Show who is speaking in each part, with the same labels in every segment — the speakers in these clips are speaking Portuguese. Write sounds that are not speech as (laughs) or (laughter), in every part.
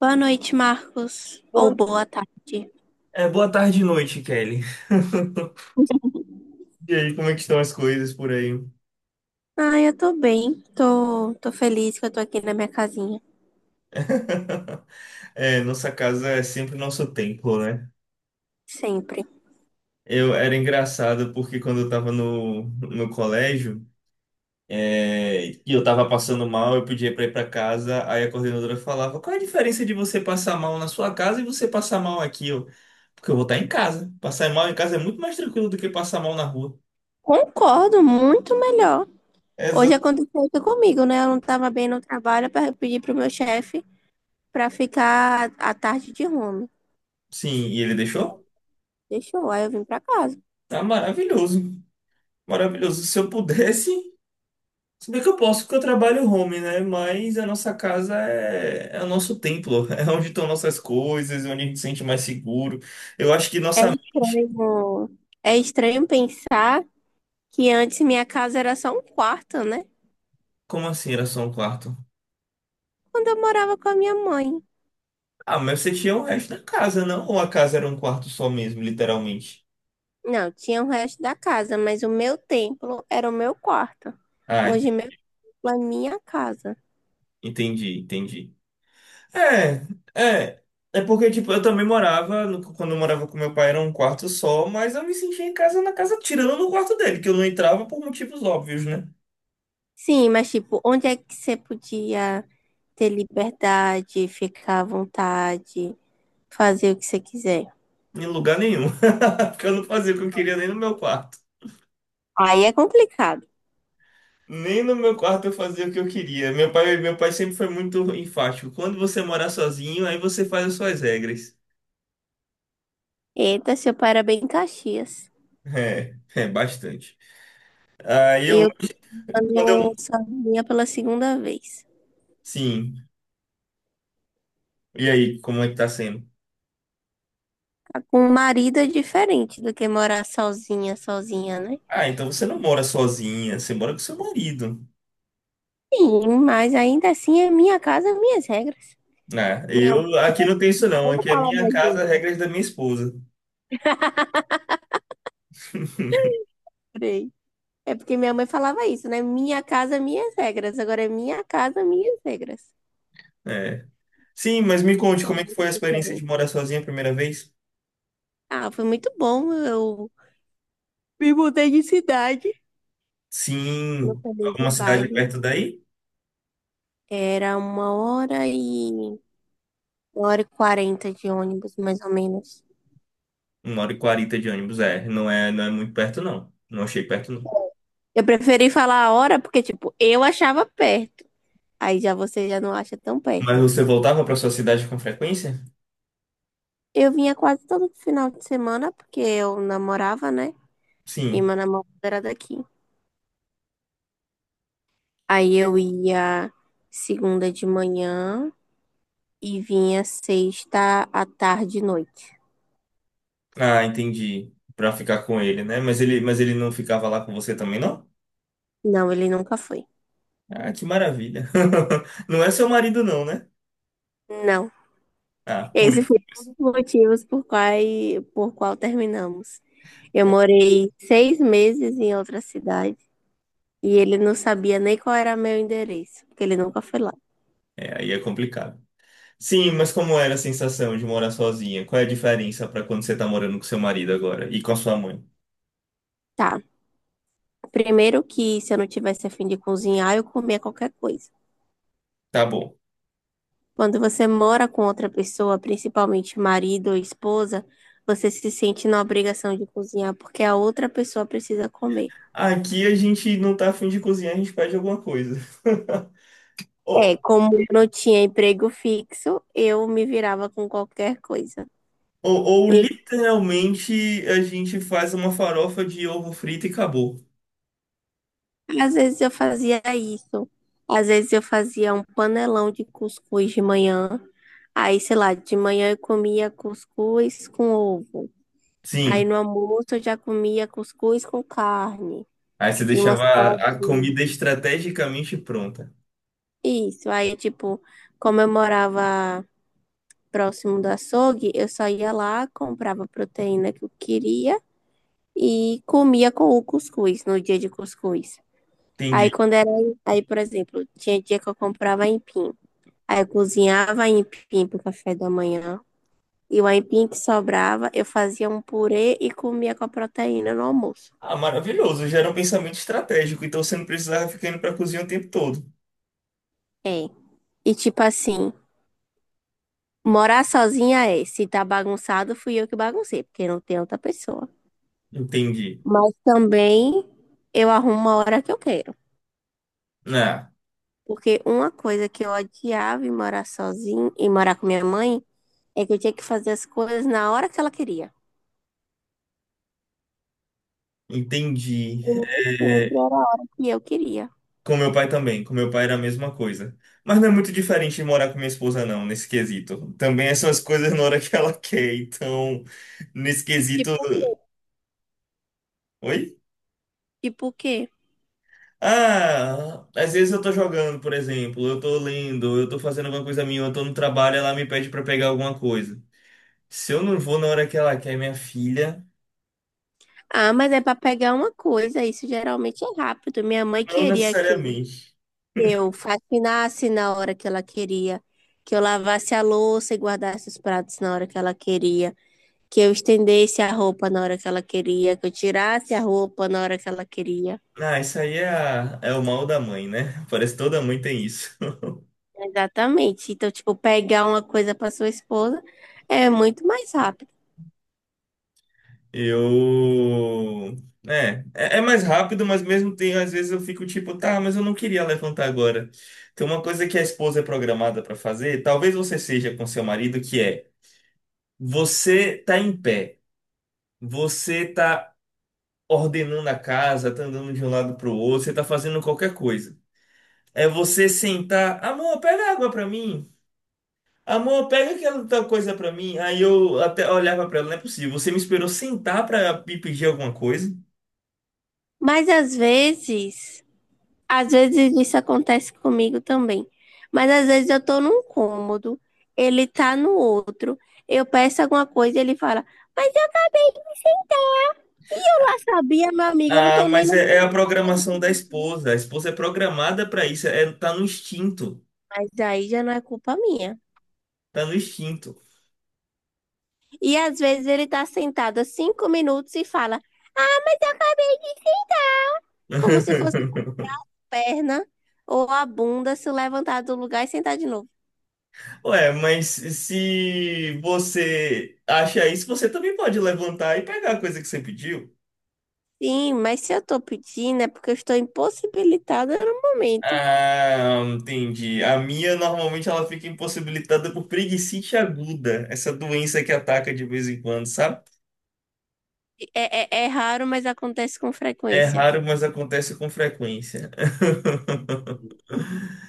Speaker 1: Boa noite, Marcos. Ou
Speaker 2: Boa,
Speaker 1: boa tarde.
Speaker 2: boa tarde e noite, Kelly. (laughs) E aí, como é que estão as coisas por aí?
Speaker 1: Ah, eu tô bem. Tô feliz que eu tô aqui na minha casinha.
Speaker 2: (laughs) É, nossa casa é sempre nosso templo, né?
Speaker 1: Sempre.
Speaker 2: Eu era engraçado porque quando eu tava no colégio e eu tava passando mal, eu pedia pra ir pra casa, aí a coordenadora falava: Qual é a diferença de você passar mal na sua casa e você passar mal aqui? Porque eu vou estar em casa. Passar mal em casa é muito mais tranquilo do que passar mal na rua.
Speaker 1: Concordo, muito melhor. Hoje
Speaker 2: Exato.
Speaker 1: aconteceu isso comigo, né? Eu não tava bem no trabalho, eu pedi pro meu chefe pra ficar a tarde de home.
Speaker 2: Sim, e ele deixou?
Speaker 1: Deixou, aí eu vim pra casa.
Speaker 2: Tá maravilhoso. Maravilhoso. Se eu pudesse. Se bem que eu posso, porque eu trabalho home, né? Mas a nossa casa é o nosso templo, (laughs) é onde estão nossas coisas, é onde a gente se sente mais seguro. Eu acho que nossa.
Speaker 1: É estranho pensar que antes minha casa era só um quarto, né?
Speaker 2: Como assim era só um quarto?
Speaker 1: Quando eu morava com a minha mãe.
Speaker 2: Ah, mas você tinha o resto da casa, não? Ou a casa era um quarto só mesmo, literalmente?
Speaker 1: Não, tinha o resto da casa, mas o meu templo era o meu quarto.
Speaker 2: Ah, ent-
Speaker 1: Hoje meu templo é minha casa.
Speaker 2: Entendi, entendi. É, é. É porque, tipo, eu também morava, quando eu morava com meu pai era um quarto só, mas eu me sentia em casa na casa, tirando no quarto dele, que eu não entrava por motivos óbvios, né?
Speaker 1: Sim, mas tipo, onde é que você podia ter liberdade, ficar à vontade, fazer o que você quiser?
Speaker 2: Em lugar nenhum. (laughs) Porque eu não fazia o que eu queria nem no meu quarto.
Speaker 1: Aí é complicado.
Speaker 2: Nem no meu quarto eu fazia o que eu queria. Meu pai sempre foi muito enfático. Quando você morar sozinho, aí você faz as suas regras.
Speaker 1: Eita, seu pai era bem Caxias.
Speaker 2: É, é bastante. Aí eu,
Speaker 1: Eu
Speaker 2: quando
Speaker 1: morando
Speaker 2: eu.
Speaker 1: sozinha pela segunda vez.
Speaker 2: Sim. E aí, como é que tá sendo?
Speaker 1: Tá. Com um marido é diferente do que morar sozinha, sozinha, né?
Speaker 2: Ah, então você não mora sozinha, você mora com seu marido.
Speaker 1: Sim, mas ainda assim é minha casa, minhas regras.
Speaker 2: Ah,
Speaker 1: Minha.
Speaker 2: eu aqui não tem isso não.
Speaker 1: Vamos
Speaker 2: Aqui é
Speaker 1: falar
Speaker 2: minha
Speaker 1: mais disso.
Speaker 2: casa, regras da minha esposa. (laughs)
Speaker 1: Peraí. É porque minha mãe falava isso, né? Minha casa, minhas regras. Agora é minha casa, minhas regras.
Speaker 2: É. Sim, mas me conte
Speaker 1: É
Speaker 2: como é que foi
Speaker 1: muito
Speaker 2: a experiência de
Speaker 1: diferente.
Speaker 2: morar sozinha a primeira vez?
Speaker 1: Ah, foi muito bom. Eu me mudei de cidade. Não
Speaker 2: Sim,
Speaker 1: falei de
Speaker 2: alguma cidade
Speaker 1: bairro.
Speaker 2: perto daí?
Speaker 1: Era uma hora e... 1 hora e 40 de ônibus, mais ou menos.
Speaker 2: Uma hora e quarenta de ônibus, é. Não é muito perto, não. Não achei perto, não.
Speaker 1: Eu preferi falar a hora porque, tipo, eu achava perto. Aí já você já não acha tão
Speaker 2: Mas
Speaker 1: perto.
Speaker 2: você voltava para sua cidade com frequência?
Speaker 1: Eu vinha quase todo final de semana porque eu namorava, né? E
Speaker 2: Sim.
Speaker 1: meu namorado era daqui. Aí eu ia segunda de manhã e vinha sexta à tarde e noite.
Speaker 2: Ah, entendi. Para ficar com ele, né? Mas ele não ficava lá com você também, não?
Speaker 1: Não, ele nunca foi.
Speaker 2: Ah, que maravilha. (laughs) Não é seu marido, não, né?
Speaker 1: Não.
Speaker 2: Ah, por
Speaker 1: Esse
Speaker 2: isso.
Speaker 1: foi um dos motivos por qual terminamos. Eu morei 6 meses em outra cidade e ele não sabia nem qual era meu endereço, porque ele nunca foi lá.
Speaker 2: É, aí é complicado. Sim, mas como era a sensação de morar sozinha? Qual é a diferença para quando você tá morando com seu marido agora e com a sua mãe?
Speaker 1: Tá. Primeiro que se eu não tivesse a fim de cozinhar, eu comia qualquer coisa.
Speaker 2: Tá bom.
Speaker 1: Quando você mora com outra pessoa, principalmente marido ou esposa, você se sente na obrigação de cozinhar porque a outra pessoa precisa comer.
Speaker 2: Aqui a gente não tá afim de cozinhar, a gente pede alguma coisa. Ou,
Speaker 1: É, como eu não tinha emprego fixo, eu me virava com qualquer coisa.
Speaker 2: ou
Speaker 1: E
Speaker 2: literalmente a gente faz uma farofa de ovo frito e acabou.
Speaker 1: às vezes eu fazia isso. Às vezes eu fazia um panelão de cuscuz de manhã. Aí, sei lá, de manhã eu comia cuscuz com ovo. Aí
Speaker 2: Sim.
Speaker 1: no almoço eu já comia cuscuz com carne
Speaker 2: Aí você
Speaker 1: e uma
Speaker 2: deixava a
Speaker 1: saladinha.
Speaker 2: comida estrategicamente pronta.
Speaker 1: Isso, aí, tipo, como eu morava próximo do açougue, eu só ia lá, comprava a proteína que eu queria e comia com o cuscuz, no dia de cuscuz. Aí,
Speaker 2: Entendi.
Speaker 1: quando era, aí, por exemplo, tinha dia que eu comprava aipim. Aí, eu cozinhava aipim pro café da manhã. E o aipim que sobrava, eu fazia um purê e comia com a proteína no almoço.
Speaker 2: Ah, maravilhoso. Já era um pensamento estratégico, então você não precisava ficar indo pra cozinha o tempo todo.
Speaker 1: É. E, tipo assim, morar sozinha é, se tá bagunçado, fui eu que baguncei, porque não tem outra pessoa.
Speaker 2: Entendi.
Speaker 1: Mas também eu arrumo uma hora que eu quero.
Speaker 2: Ah,
Speaker 1: Porque uma coisa que eu odiava em morar sozinha e morar com minha mãe é que eu tinha que fazer as coisas na hora que ela queria.
Speaker 2: entendi.
Speaker 1: E nem sempre
Speaker 2: É,
Speaker 1: era a hora que eu queria.
Speaker 2: Com meu pai era a mesma coisa. Mas não é muito diferente de morar com minha esposa, não, nesse quesito. Também essas (laughs) coisas na hora que ela quer, então, nesse quesito.
Speaker 1: Tipo o quê?
Speaker 2: Oi?
Speaker 1: Tipo o quê?
Speaker 2: Ah, às vezes eu tô jogando, por exemplo, eu tô lendo, eu tô fazendo alguma coisa minha, eu tô no trabalho, ela me pede pra pegar alguma coisa. Se eu não vou na hora que ela quer, minha filha,
Speaker 1: Ah, mas é para pegar uma coisa, isso geralmente é rápido. Minha mãe
Speaker 2: não
Speaker 1: queria que
Speaker 2: necessariamente.
Speaker 1: eu faxinasse na hora que ela queria, que eu lavasse a louça e guardasse os pratos na hora que ela queria, que eu estendesse a roupa na hora que ela queria, que eu tirasse a roupa na hora que ela queria.
Speaker 2: Ah, isso aí é, é o mal da mãe, né? Parece que toda mãe tem isso.
Speaker 1: Exatamente. Então, tipo, pegar uma coisa para sua esposa é muito mais rápido.
Speaker 2: Eu. É, é mais rápido, mas mesmo tem, às vezes eu fico tipo, tá, mas eu não queria levantar agora. Tem uma coisa que a esposa é programada pra fazer, talvez você seja com seu marido, que é você tá em pé, você tá ordenando a casa, tá andando de um lado pro outro, você tá fazendo qualquer coisa. É você sentar, amor, pega água pra mim. Amor, pega aquela tal coisa pra mim. Aí eu até olhava pra ela, não é possível. Você me esperou sentar pra me pedir alguma coisa?
Speaker 1: Mas às vezes, às vezes isso acontece comigo também. Mas às vezes eu tô num cômodo, ele tá no outro, eu peço alguma coisa e ele fala: "Mas eu acabei de me sentar". E eu lá sabia, meu amigo, eu não
Speaker 2: Ah,
Speaker 1: tô nem
Speaker 2: mas
Speaker 1: no
Speaker 2: é
Speaker 1: mesmo
Speaker 2: a
Speaker 1: cômodo que
Speaker 2: programação da
Speaker 1: você.
Speaker 2: esposa. A esposa é programada para isso. É, tá no instinto.
Speaker 1: Mas aí já não é culpa minha.
Speaker 2: Tá no instinto.
Speaker 1: E às vezes ele tá sentado há 5 minutos e fala, mas eu acabei de... Como se fosse o
Speaker 2: (laughs)
Speaker 1: braço, a perna ou a bunda se levantar do lugar e sentar de novo.
Speaker 2: Ué, mas se você acha isso, você também pode levantar e pegar a coisa que você pediu.
Speaker 1: Sim, mas se eu tô pedindo é porque eu estou impossibilitada no momento.
Speaker 2: Ah, entendi. A minha normalmente ela fica impossibilitada por preguicite aguda, essa doença que ataca de vez em quando, sabe?
Speaker 1: É, é, é raro, mas acontece com
Speaker 2: É
Speaker 1: frequência.
Speaker 2: raro, mas acontece com frequência. (laughs)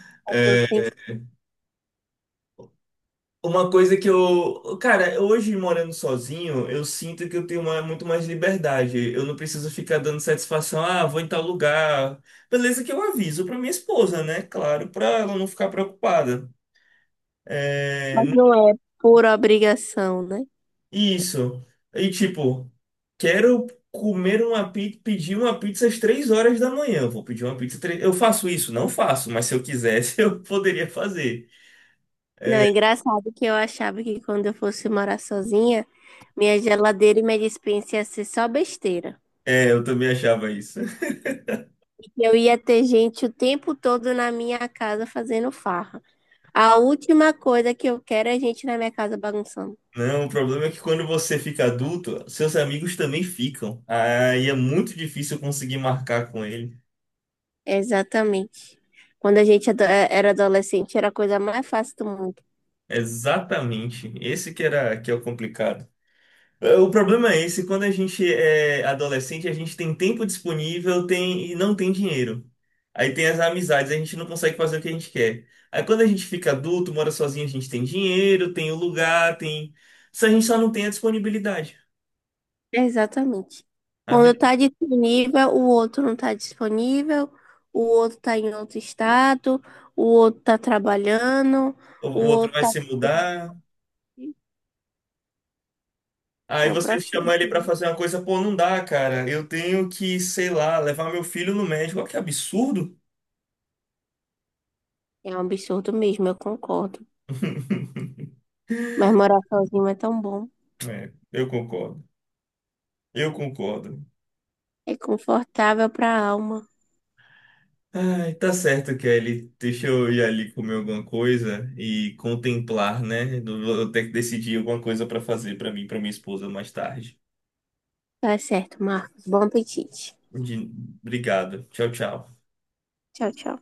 Speaker 2: Uma coisa que eu, cara, hoje morando sozinho, eu sinto que eu tenho muito mais liberdade. Eu não preciso ficar dando satisfação, ah, vou em tal lugar. Beleza que eu aviso pra minha esposa, né? Claro, pra ela não ficar preocupada. É,
Speaker 1: Mas não é por obrigação, né?
Speaker 2: isso. E tipo, quero comer uma pizza, pedir uma pizza às 3 horas da manhã. Eu vou pedir uma pizza Eu faço isso? Não faço, mas se eu quisesse, (laughs) eu poderia fazer.
Speaker 1: Não, é engraçado que eu achava que quando eu fosse morar sozinha, minha geladeira e minha despensa ia ser só besteira.
Speaker 2: É, eu também achava isso.
Speaker 1: Eu ia ter gente o tempo todo na minha casa fazendo farra. A última coisa que eu quero é gente na minha casa bagunçando.
Speaker 2: Não, o problema é que quando você fica adulto, seus amigos também ficam. Aí é muito difícil conseguir marcar com ele.
Speaker 1: Exatamente. Quando a gente era adolescente, era a coisa mais fácil do mundo.
Speaker 2: Exatamente. Esse que é o complicado. É, o problema é esse, quando a gente é adolescente, a gente tem tempo disponível, tem e não tem dinheiro. Aí tem as amizades, a gente não consegue fazer o que a gente quer. Aí quando a gente fica adulto, mora sozinho, a gente tem dinheiro, tem o lugar, tem. Se a gente só não tem a disponibilidade.
Speaker 1: Exatamente.
Speaker 2: A
Speaker 1: Quando
Speaker 2: vida,
Speaker 1: está disponível, o outro não está disponível, o outro está em outro estado, o outro está trabalhando,
Speaker 2: o
Speaker 1: o
Speaker 2: o outro
Speaker 1: outro
Speaker 2: vai
Speaker 1: tá.
Speaker 2: se mudar. Aí
Speaker 1: É um
Speaker 2: você chama
Speaker 1: processo,
Speaker 2: ele pra
Speaker 1: né?
Speaker 2: fazer uma coisa, pô, não dá, cara. Eu tenho que, sei lá, levar meu filho no médico. Olha que absurdo.
Speaker 1: É um absurdo mesmo, eu concordo.
Speaker 2: (laughs)
Speaker 1: Mas morar sozinho é tão bom.
Speaker 2: É, eu concordo. Eu concordo.
Speaker 1: É confortável para a alma.
Speaker 2: Ai, tá certo, Kelly. Deixa eu ir ali comer alguma coisa e contemplar, né? Eu vou ter que decidir alguma coisa pra fazer pra mim, e pra minha esposa mais tarde.
Speaker 1: Tá certo, Marcos. Bom apetite.
Speaker 2: De- Obrigado. Tchau, tchau.
Speaker 1: Tchau, tchau.